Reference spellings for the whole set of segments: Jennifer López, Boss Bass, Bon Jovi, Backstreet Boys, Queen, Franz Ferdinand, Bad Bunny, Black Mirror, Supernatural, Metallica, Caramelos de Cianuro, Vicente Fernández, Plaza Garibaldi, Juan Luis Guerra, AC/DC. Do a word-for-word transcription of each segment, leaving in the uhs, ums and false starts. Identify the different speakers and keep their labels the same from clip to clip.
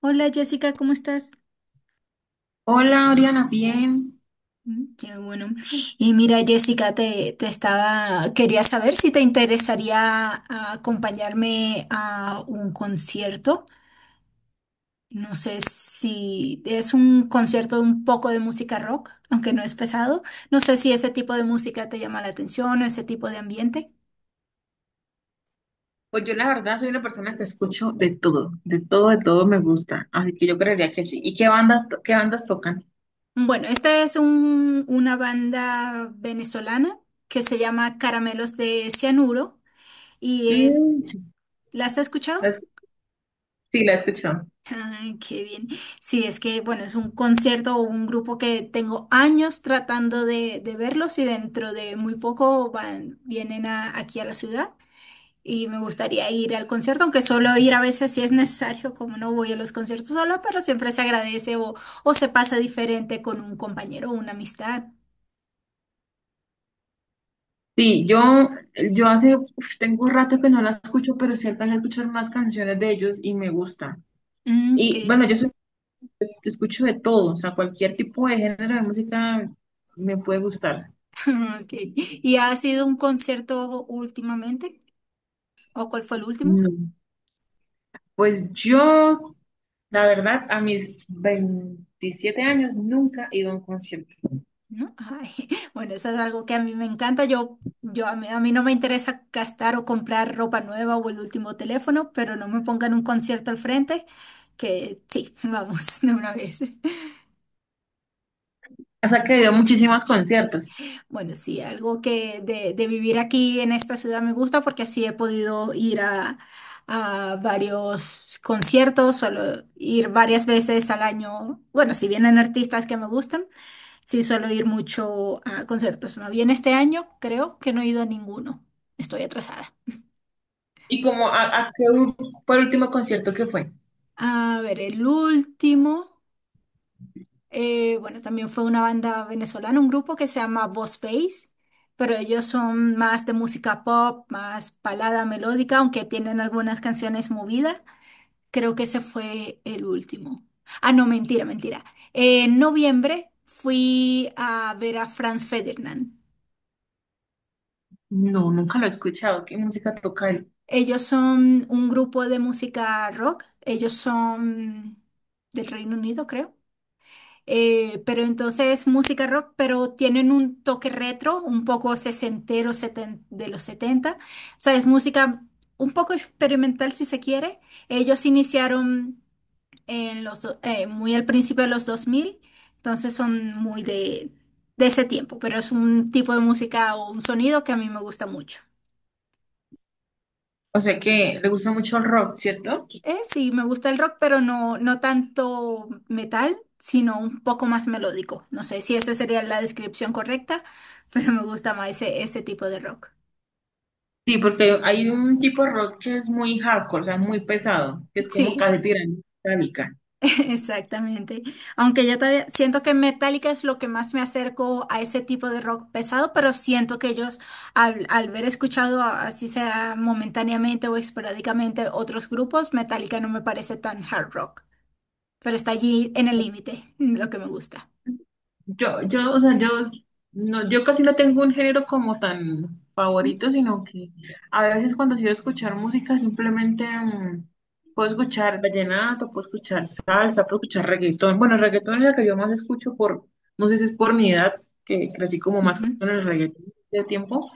Speaker 1: Hola Jessica, ¿cómo estás?
Speaker 2: Hola, Oriana, bien.
Speaker 1: Mm, qué bueno. Y mira Jessica, te, te estaba, quería saber si te interesaría ah, acompañarme a un concierto. No sé si es un concierto de un poco de música rock, aunque no es pesado. No sé si ese tipo de música te llama la atención o ese tipo de ambiente.
Speaker 2: Pues yo la verdad soy una persona que escucho de todo, de todo, de todo me gusta, así que yo creería que sí. ¿Y qué banda, to- qué bandas tocan?
Speaker 1: Bueno, esta es un- una banda venezolana que se llama Caramelos de Cianuro y es,
Speaker 2: Mm, sí,
Speaker 1: ¿las has escuchado?
Speaker 2: la, es- sí, la he escuchado.
Speaker 1: Ay, qué bien. Sí, es que, bueno, es un concierto o un grupo que tengo años tratando de, de verlos y dentro de muy poco van, vienen a- aquí a la ciudad y me gustaría ir al concierto, aunque solo ir a veces si es necesario, como no voy a los conciertos sola, pero siempre se agradece o, o se pasa diferente con un compañero o una amistad.
Speaker 2: Sí, yo, yo hace, uf, tengo un rato que no la escucho, pero sí alcancé a escuchar más canciones de ellos y me gusta.
Speaker 1: Mm, ok.
Speaker 2: Y bueno, yo soy- escucho de todo, o sea, cualquier tipo de género de música me puede gustar.
Speaker 1: Ok. ¿Y ha sido un concierto últimamente? ¿O cuál fue el último?
Speaker 2: Pues yo, la verdad, a mis veintisiete años nunca he ido a un concierto.
Speaker 1: ¿No? Ay, bueno, eso es algo que a mí me encanta. Yo, yo a mí, a mí no me interesa gastar o comprar ropa nueva o el último teléfono, pero no me pongan un concierto al frente, que sí, vamos de una vez.
Speaker 2: O sea que he ido a muchísimos conciertos.
Speaker 1: Bueno, sí, algo que de, de vivir aquí en esta ciudad me gusta porque así he podido ir a, a varios conciertos, solo ir varias veces al año. Bueno, si vienen artistas que me gustan, sí, suelo ir mucho a conciertos. Más bien este año creo que no he ido a ninguno. Estoy atrasada.
Speaker 2: ¿Y como a, a qué u- fue el último concierto que fue?
Speaker 1: A ver, el último, eh, bueno, también fue una banda venezolana, un grupo que se llama Boss Bass, pero ellos son más de música pop, más balada melódica, aunque tienen algunas canciones movidas. Creo que ese fue el último. Ah, no, mentira, mentira. En noviembre fui a ver a Franz Ferdinand.
Speaker 2: No, nunca lo he escuchado. ¿Qué música toca él?
Speaker 1: Ellos son un grupo de música rock. Ellos son del Reino Unido, creo. Eh, pero entonces música rock, pero tienen un toque retro, un poco sesentero, seten- de los setenta. O sea, es música un poco experimental si se quiere. Ellos iniciaron en los, do- eh, muy al principio de los dos mil. Entonces son muy de, de ese tiempo, pero es un tipo de música o un sonido que a mí me gusta mucho.
Speaker 2: O sea que le gusta mucho el rock, ¿cierto?
Speaker 1: Eh, sí, me gusta el rock, pero no, no tanto metal, sino un poco más melódico. No sé si esa sería la descripción correcta, pero me gusta más ese, ese tipo de rock.
Speaker 2: Sí, porque hay un tipo de rock que es muy hardcore, o sea, muy pesado, que es como
Speaker 1: Sí,
Speaker 2: casi tirando metálica.
Speaker 1: exactamente. Aunque yo todavía siento que Metallica es lo que más me acerco a ese tipo de rock pesado, pero siento que ellos, al, al haber escuchado, a- así sea momentáneamente o esporádicamente, otros grupos, Metallica no me parece tan hard rock, pero está allí en el límite, lo que me gusta.
Speaker 2: Yo, yo, o sea, yo, no, yo casi no tengo un género como tan
Speaker 1: Ujú,
Speaker 2: favorito, sino que a veces cuando quiero escuchar música simplemente mm, puedo escuchar vallenato, puedo escuchar salsa, puedo escuchar reggaetón. Bueno, el reggaetón es la que yo más escucho por, no sé si es por mi edad, que crecí como más
Speaker 1: ujú.
Speaker 2: con el reggaetón de tiempo,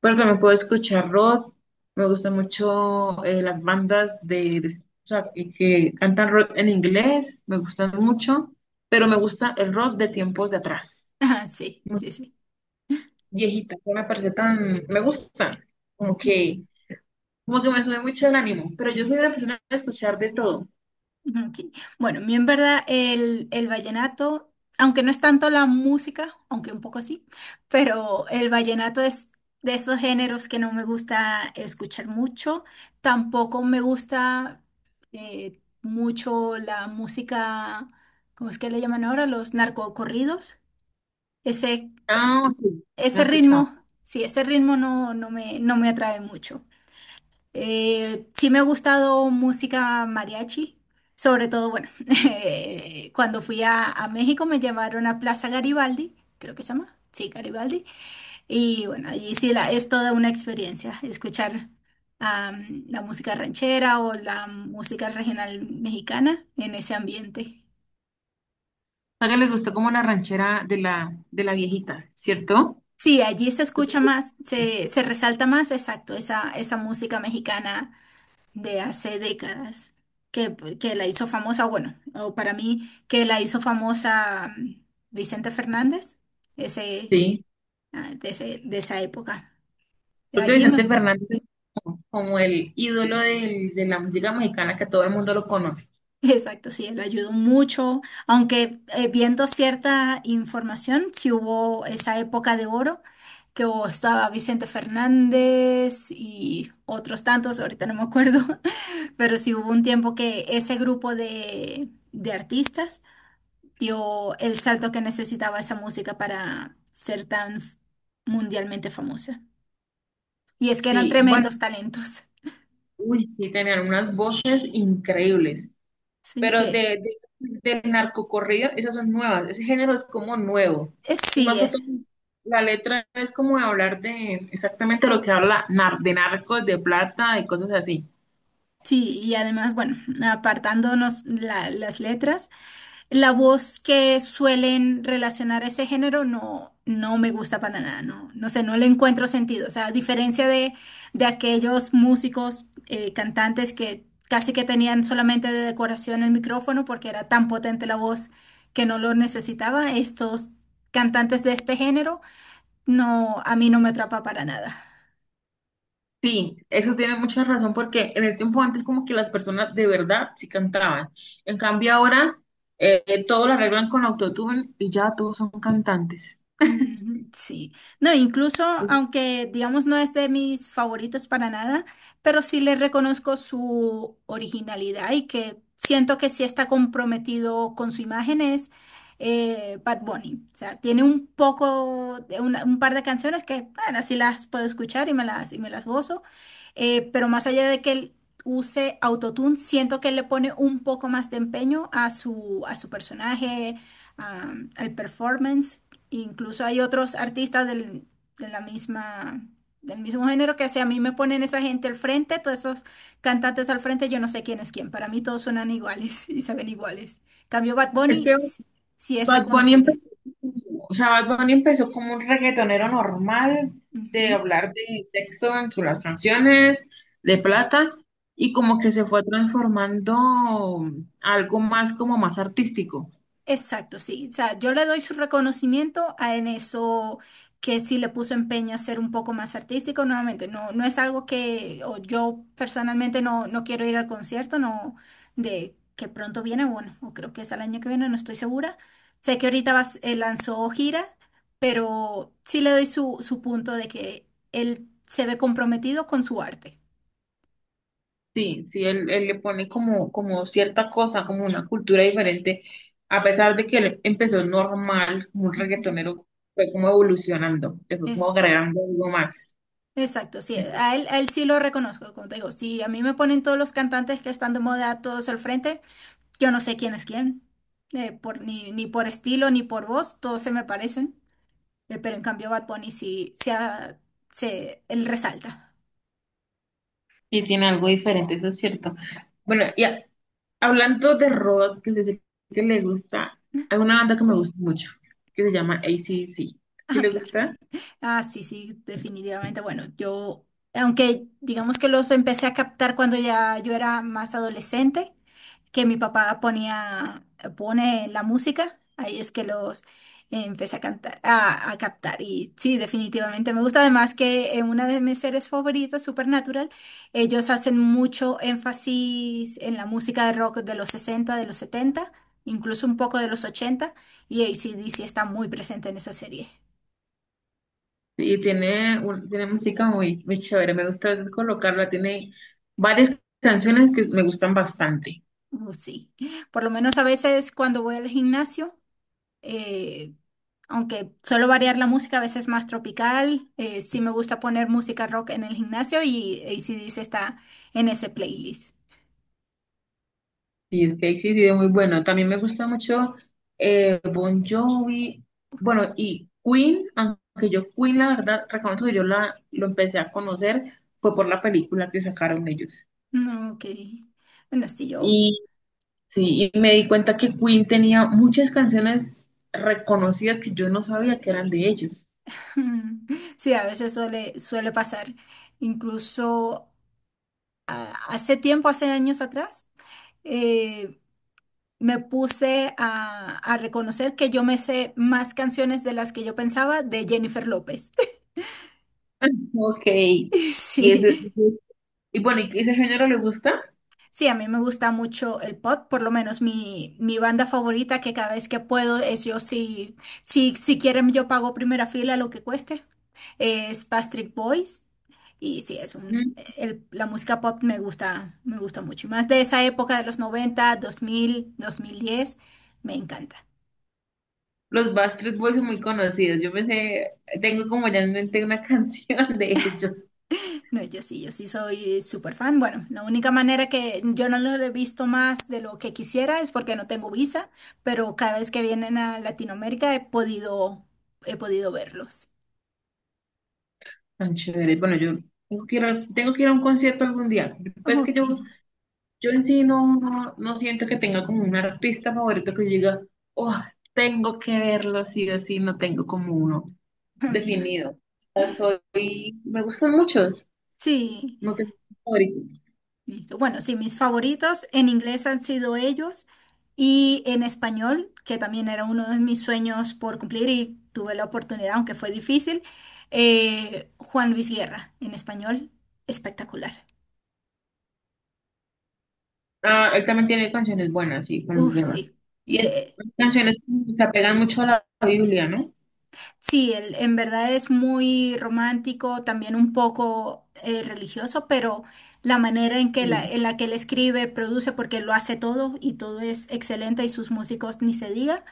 Speaker 2: pero también puedo escuchar rock. Me gustan mucho eh, las bandas de, de- o sea, que, que cantan rock en inglés. Me gustan mucho. Pero me gusta el rock de tiempos de atrás.
Speaker 1: Ah, sí,
Speaker 2: Música
Speaker 1: sí, sí.
Speaker 2: viejita, que me parece tan... Me gusta. Como que, como que me sube mucho el ánimo. Pero yo soy una persona de escuchar de todo.
Speaker 1: Mm, ok. Bueno, a mí en verdad el, el vallenato, aunque no es tanto la música, aunque un poco sí, pero el vallenato es de esos géneros que no me gusta escuchar mucho. Tampoco me gusta eh, mucho la música, ¿cómo es que le llaman ahora? Los narcocorridos. Ese,
Speaker 2: Ah, sí. Lo he
Speaker 1: ese
Speaker 2: escuchado.
Speaker 1: ritmo, sí, ese ritmo no, no me, no me atrae mucho. Eh, sí me ha gustado música mariachi, sobre todo, bueno, eh, cuando fui a, a México me llevaron a Plaza Garibaldi, creo que se llama, sí, Garibaldi, y bueno, allí sí la, es toda una experiencia escuchar am, la música ranchera o la música regional mexicana en ese ambiente.
Speaker 2: A que les gustó como la ranchera de la, de la viejita, ¿cierto?
Speaker 1: Sí, allí se escucha más, se, se resalta más, exacto, esa, esa música mexicana de hace décadas, que, que la hizo famosa, bueno, o para mí, que la hizo famosa, mm, Vicente Fernández, ese,
Speaker 2: Sí.
Speaker 1: ah, de, ese- de esa época.
Speaker 2: Creo que
Speaker 1: Allí me,
Speaker 2: Vicente Fernández es como el ídolo del- de la música mexicana que todo el mundo lo conoce.
Speaker 1: exacto, sí, él ayudó mucho, aunque eh, viendo cierta información, si hubo esa época de oro, que hubo- estaba Vicente Fernández y otros tantos, ahorita no me acuerdo, pero sí hubo un tiempo que ese grupo de, de artistas dio el salto que necesitaba esa música para ser tan mundialmente famosa. Y es que eran
Speaker 2: Sí, bueno,
Speaker 1: tremendos talentos.
Speaker 2: uy, sí, tenían unas voces increíbles,
Speaker 1: Sí,
Speaker 2: pero
Speaker 1: que
Speaker 2: de, de- del narcocorrido, esas son nuevas, ese género es como nuevo.
Speaker 1: es,
Speaker 2: Y
Speaker 1: sí
Speaker 2: más que todo,
Speaker 1: es.
Speaker 2: la letra es como de hablar de exactamente lo que habla nar- de narcos, de plata, de cosas así.
Speaker 1: Sí, y además, bueno, apartándonos la- las letras. La voz que suelen relacionar a ese género no, no me gusta para nada, no, no sé, no le encuentro sentido. O sea, a diferencia de, de aquellos músicos, eh, cantantes que casi que tenían solamente de decoración el micrófono porque era tan potente la voz que no lo necesitaba, estos cantantes de este género, no, a mí no me atrapa para nada.
Speaker 2: Sí, eso tiene mucha razón porque en el tiempo antes como que las personas de verdad sí cantaban. En cambio ahora eh, eh, todo lo arreglan con autotune y ya todos son cantantes.
Speaker 1: Mm, sí, no, incluso aunque digamos no es de mis favoritos para nada, pero sí le reconozco su originalidad y que siento que sí está comprometido con su imagen es eh, Bad Bunny. O sea, tiene un poco, de una- un par de canciones que, bueno, sí las puedo escuchar y me las, y me las gozo, eh, pero más allá de que él use autotune, siento que él le pone un poco más de empeño a su, a su personaje, a- al performance. Incluso hay otros artistas del, de la misma, del mismo género que si a mí me ponen esa gente al frente, todos esos cantantes al frente, yo no sé quién es quién. Para mí todos suenan iguales y se ven iguales. Cambio Bad
Speaker 2: Es
Speaker 1: Bunny,
Speaker 2: que
Speaker 1: sí, sí es
Speaker 2: Bad Bunny
Speaker 1: reconocible.
Speaker 2: empezó, o sea, Bad Bunny empezó como un reggaetonero normal de
Speaker 1: Ujú,
Speaker 2: hablar de sexo en sus las canciones, de
Speaker 1: sí.
Speaker 2: plata, y como que se fue transformando a algo más como más artístico.
Speaker 1: Exacto, sí. O sea, yo le doy su reconocimiento a en eso que sí le puso empeño a ser un poco más artístico. Nuevamente, no, no es algo que o yo personalmente no, no quiero ir al concierto, no, de que pronto viene, bueno, o creo que es el año que viene, no estoy segura. Sé que ahorita vas- eh, lanzó gira, pero sí le doy su, su punto de que él se ve comprometido con su arte.
Speaker 2: Sí, sí, él, él le pone como, como cierta cosa, como una cultura diferente, a pesar de que él empezó normal, como un
Speaker 1: Ujú.
Speaker 2: reggaetonero, fue como evolucionando, le fue como
Speaker 1: Es,
Speaker 2: agregando algo más.
Speaker 1: Exacto, sí, a él, a él sí lo reconozco, como te digo, si a mí me ponen todos los cantantes que están de moda todos al frente, yo no sé quién es quién, eh, por, ni, ni por estilo ni por voz, todos se me parecen, eh, pero en cambio Bad Bunny sí, sí, ah, se, él resalta.
Speaker 2: Sí, tiene algo diferente, eso es cierto. Bueno, y a- hablando de rock, que sé que le gusta, hay una banda que me gusta mucho, que se llama A C D C. ¿Sí
Speaker 1: Ah,
Speaker 2: le
Speaker 1: claro.
Speaker 2: gusta?
Speaker 1: Ah, sí, sí, definitivamente. Bueno, yo, aunque digamos que los empecé a captar cuando ya yo era más adolescente, que mi papá ponía, pone la música, ahí es que los empecé a cantar, a, a captar. Y sí, definitivamente me gusta. Además que en una de mis series favoritas, Supernatural, ellos hacen mucho énfasis en la música de rock de los sesenta, de los setenta, incluso un poco de los ochenta, y A C/D C está muy presente en esa serie.
Speaker 2: Y tiene, un- tiene música muy, muy chévere, me gusta colocarla, tiene varias canciones que me gustan bastante.
Speaker 1: Oh, sí, por lo menos a veces cuando voy al gimnasio, eh, aunque suelo variar la música, a veces más tropical, eh, sí me gusta poner música rock en el gimnasio y A C/D C está en ese playlist.
Speaker 2: Cheesecake, sí, sí, es muy bueno. También me gusta mucho eh, Bon Jovi, bueno, y Queen, aunque yo Queen, la verdad, reconozco que yo la, lo empecé a conocer, fue por la película que sacaron ellos.
Speaker 1: No, ok. Bueno, sí, yo.
Speaker 2: Y sí, y me di cuenta que Queen tenía muchas canciones reconocidas que yo no sabía que eran de ellos.
Speaker 1: Sí, a veces suele, suele pasar. Incluso a- hace tiempo, hace años atrás, eh, me puse a, a reconocer que yo me sé más canciones de las que yo pensaba de Jennifer López.
Speaker 2: Ok. Y ese,
Speaker 1: Sí,
Speaker 2: y bueno, ¿y ese género le gusta?
Speaker 1: sí, a mí me gusta mucho el pop, por lo menos mi, mi banda favorita que cada vez que puedo es yo, si, si, si quieren yo pago primera fila lo que cueste, es Backstreet Boys y sí, es
Speaker 2: Mm.
Speaker 1: un, el- la música pop me gusta, me gusta mucho, y más de esa época de los noventa, dos mil, dos mil diez me encanta.
Speaker 2: Los Backstreet Boys son muy conocidos. Yo pensé, tengo como ya en mente una canción de ellos.
Speaker 1: No, yo sí, yo sí soy súper fan. Bueno, la única manera que yo no lo he visto más de lo que quisiera es porque no tengo visa, pero cada vez que vienen a Latinoamérica he podido, he podido verlos.
Speaker 2: Tan chévere. Bueno, yo tengo que ir a, tengo que ir a un concierto algún día. Pues que
Speaker 1: Ok.
Speaker 2: yo, yo en sí no, no, no siento que tenga como un artista favorito que yo diga, oh, tengo que verlo sí o sí, no tengo como uno definido. O sea, soy, me gustan muchos,
Speaker 1: Sí,
Speaker 2: no tengo un favorito.
Speaker 1: listo. Bueno, sí, mis favoritos en inglés han sido ellos y en español, que también era uno de mis sueños por cumplir y tuve la oportunidad, aunque fue difícil, eh, Juan Luis Guerra en español, espectacular.
Speaker 2: Ah, él también tiene canciones buenas, sí, con
Speaker 1: Uh,
Speaker 2: lleva.
Speaker 1: sí.
Speaker 2: Y es-
Speaker 1: Eh,
Speaker 2: canciones que se apegan mucho a la Biblia, ¿no?
Speaker 1: Sí, él en verdad es muy romántico, también un poco eh, religioso, pero la manera en que la,
Speaker 2: Sí.
Speaker 1: en la que él escribe, produce, porque él lo hace todo y todo es excelente y sus músicos ni se diga.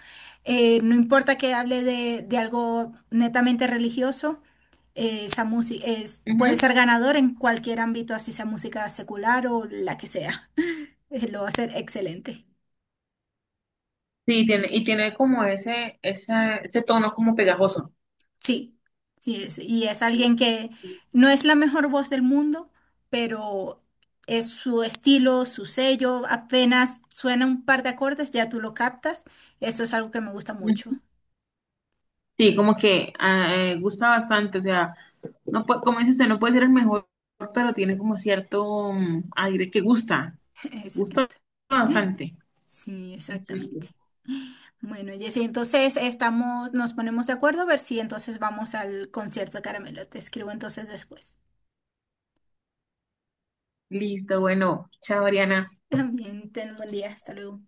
Speaker 1: Eh, no importa que hable de, de algo netamente religioso, eh, esa música es, puede
Speaker 2: Ujú.
Speaker 1: ser ganador en cualquier ámbito, así sea música secular o la que sea. Lo va a hacer excelente.
Speaker 2: Sí, tiene, y tiene como ese, esa- ese tono como pegajoso.
Speaker 1: Sí, sí, es- y es
Speaker 2: Sí.
Speaker 1: alguien que no es la mejor voz del mundo, pero es su estilo, su sello, apenas suena un par de acordes, ya tú lo captas. Eso es algo que me gusta mucho.
Speaker 2: Sí, como que ah, eh, gusta bastante, o sea, no puede, como dice usted, no puede ser el mejor, pero tiene como cierto mm, aire que gusta, gusta
Speaker 1: Exacto.
Speaker 2: bastante.
Speaker 1: Sí,
Speaker 2: Es...
Speaker 1: exactamente. Bueno, Jessy, entonces estamos, nos ponemos de acuerdo a ver si entonces vamos al concierto de Caramelo. Te escribo entonces después.
Speaker 2: Listo, bueno, chao, Ariana.
Speaker 1: Bien, ten un buen día. Hasta luego.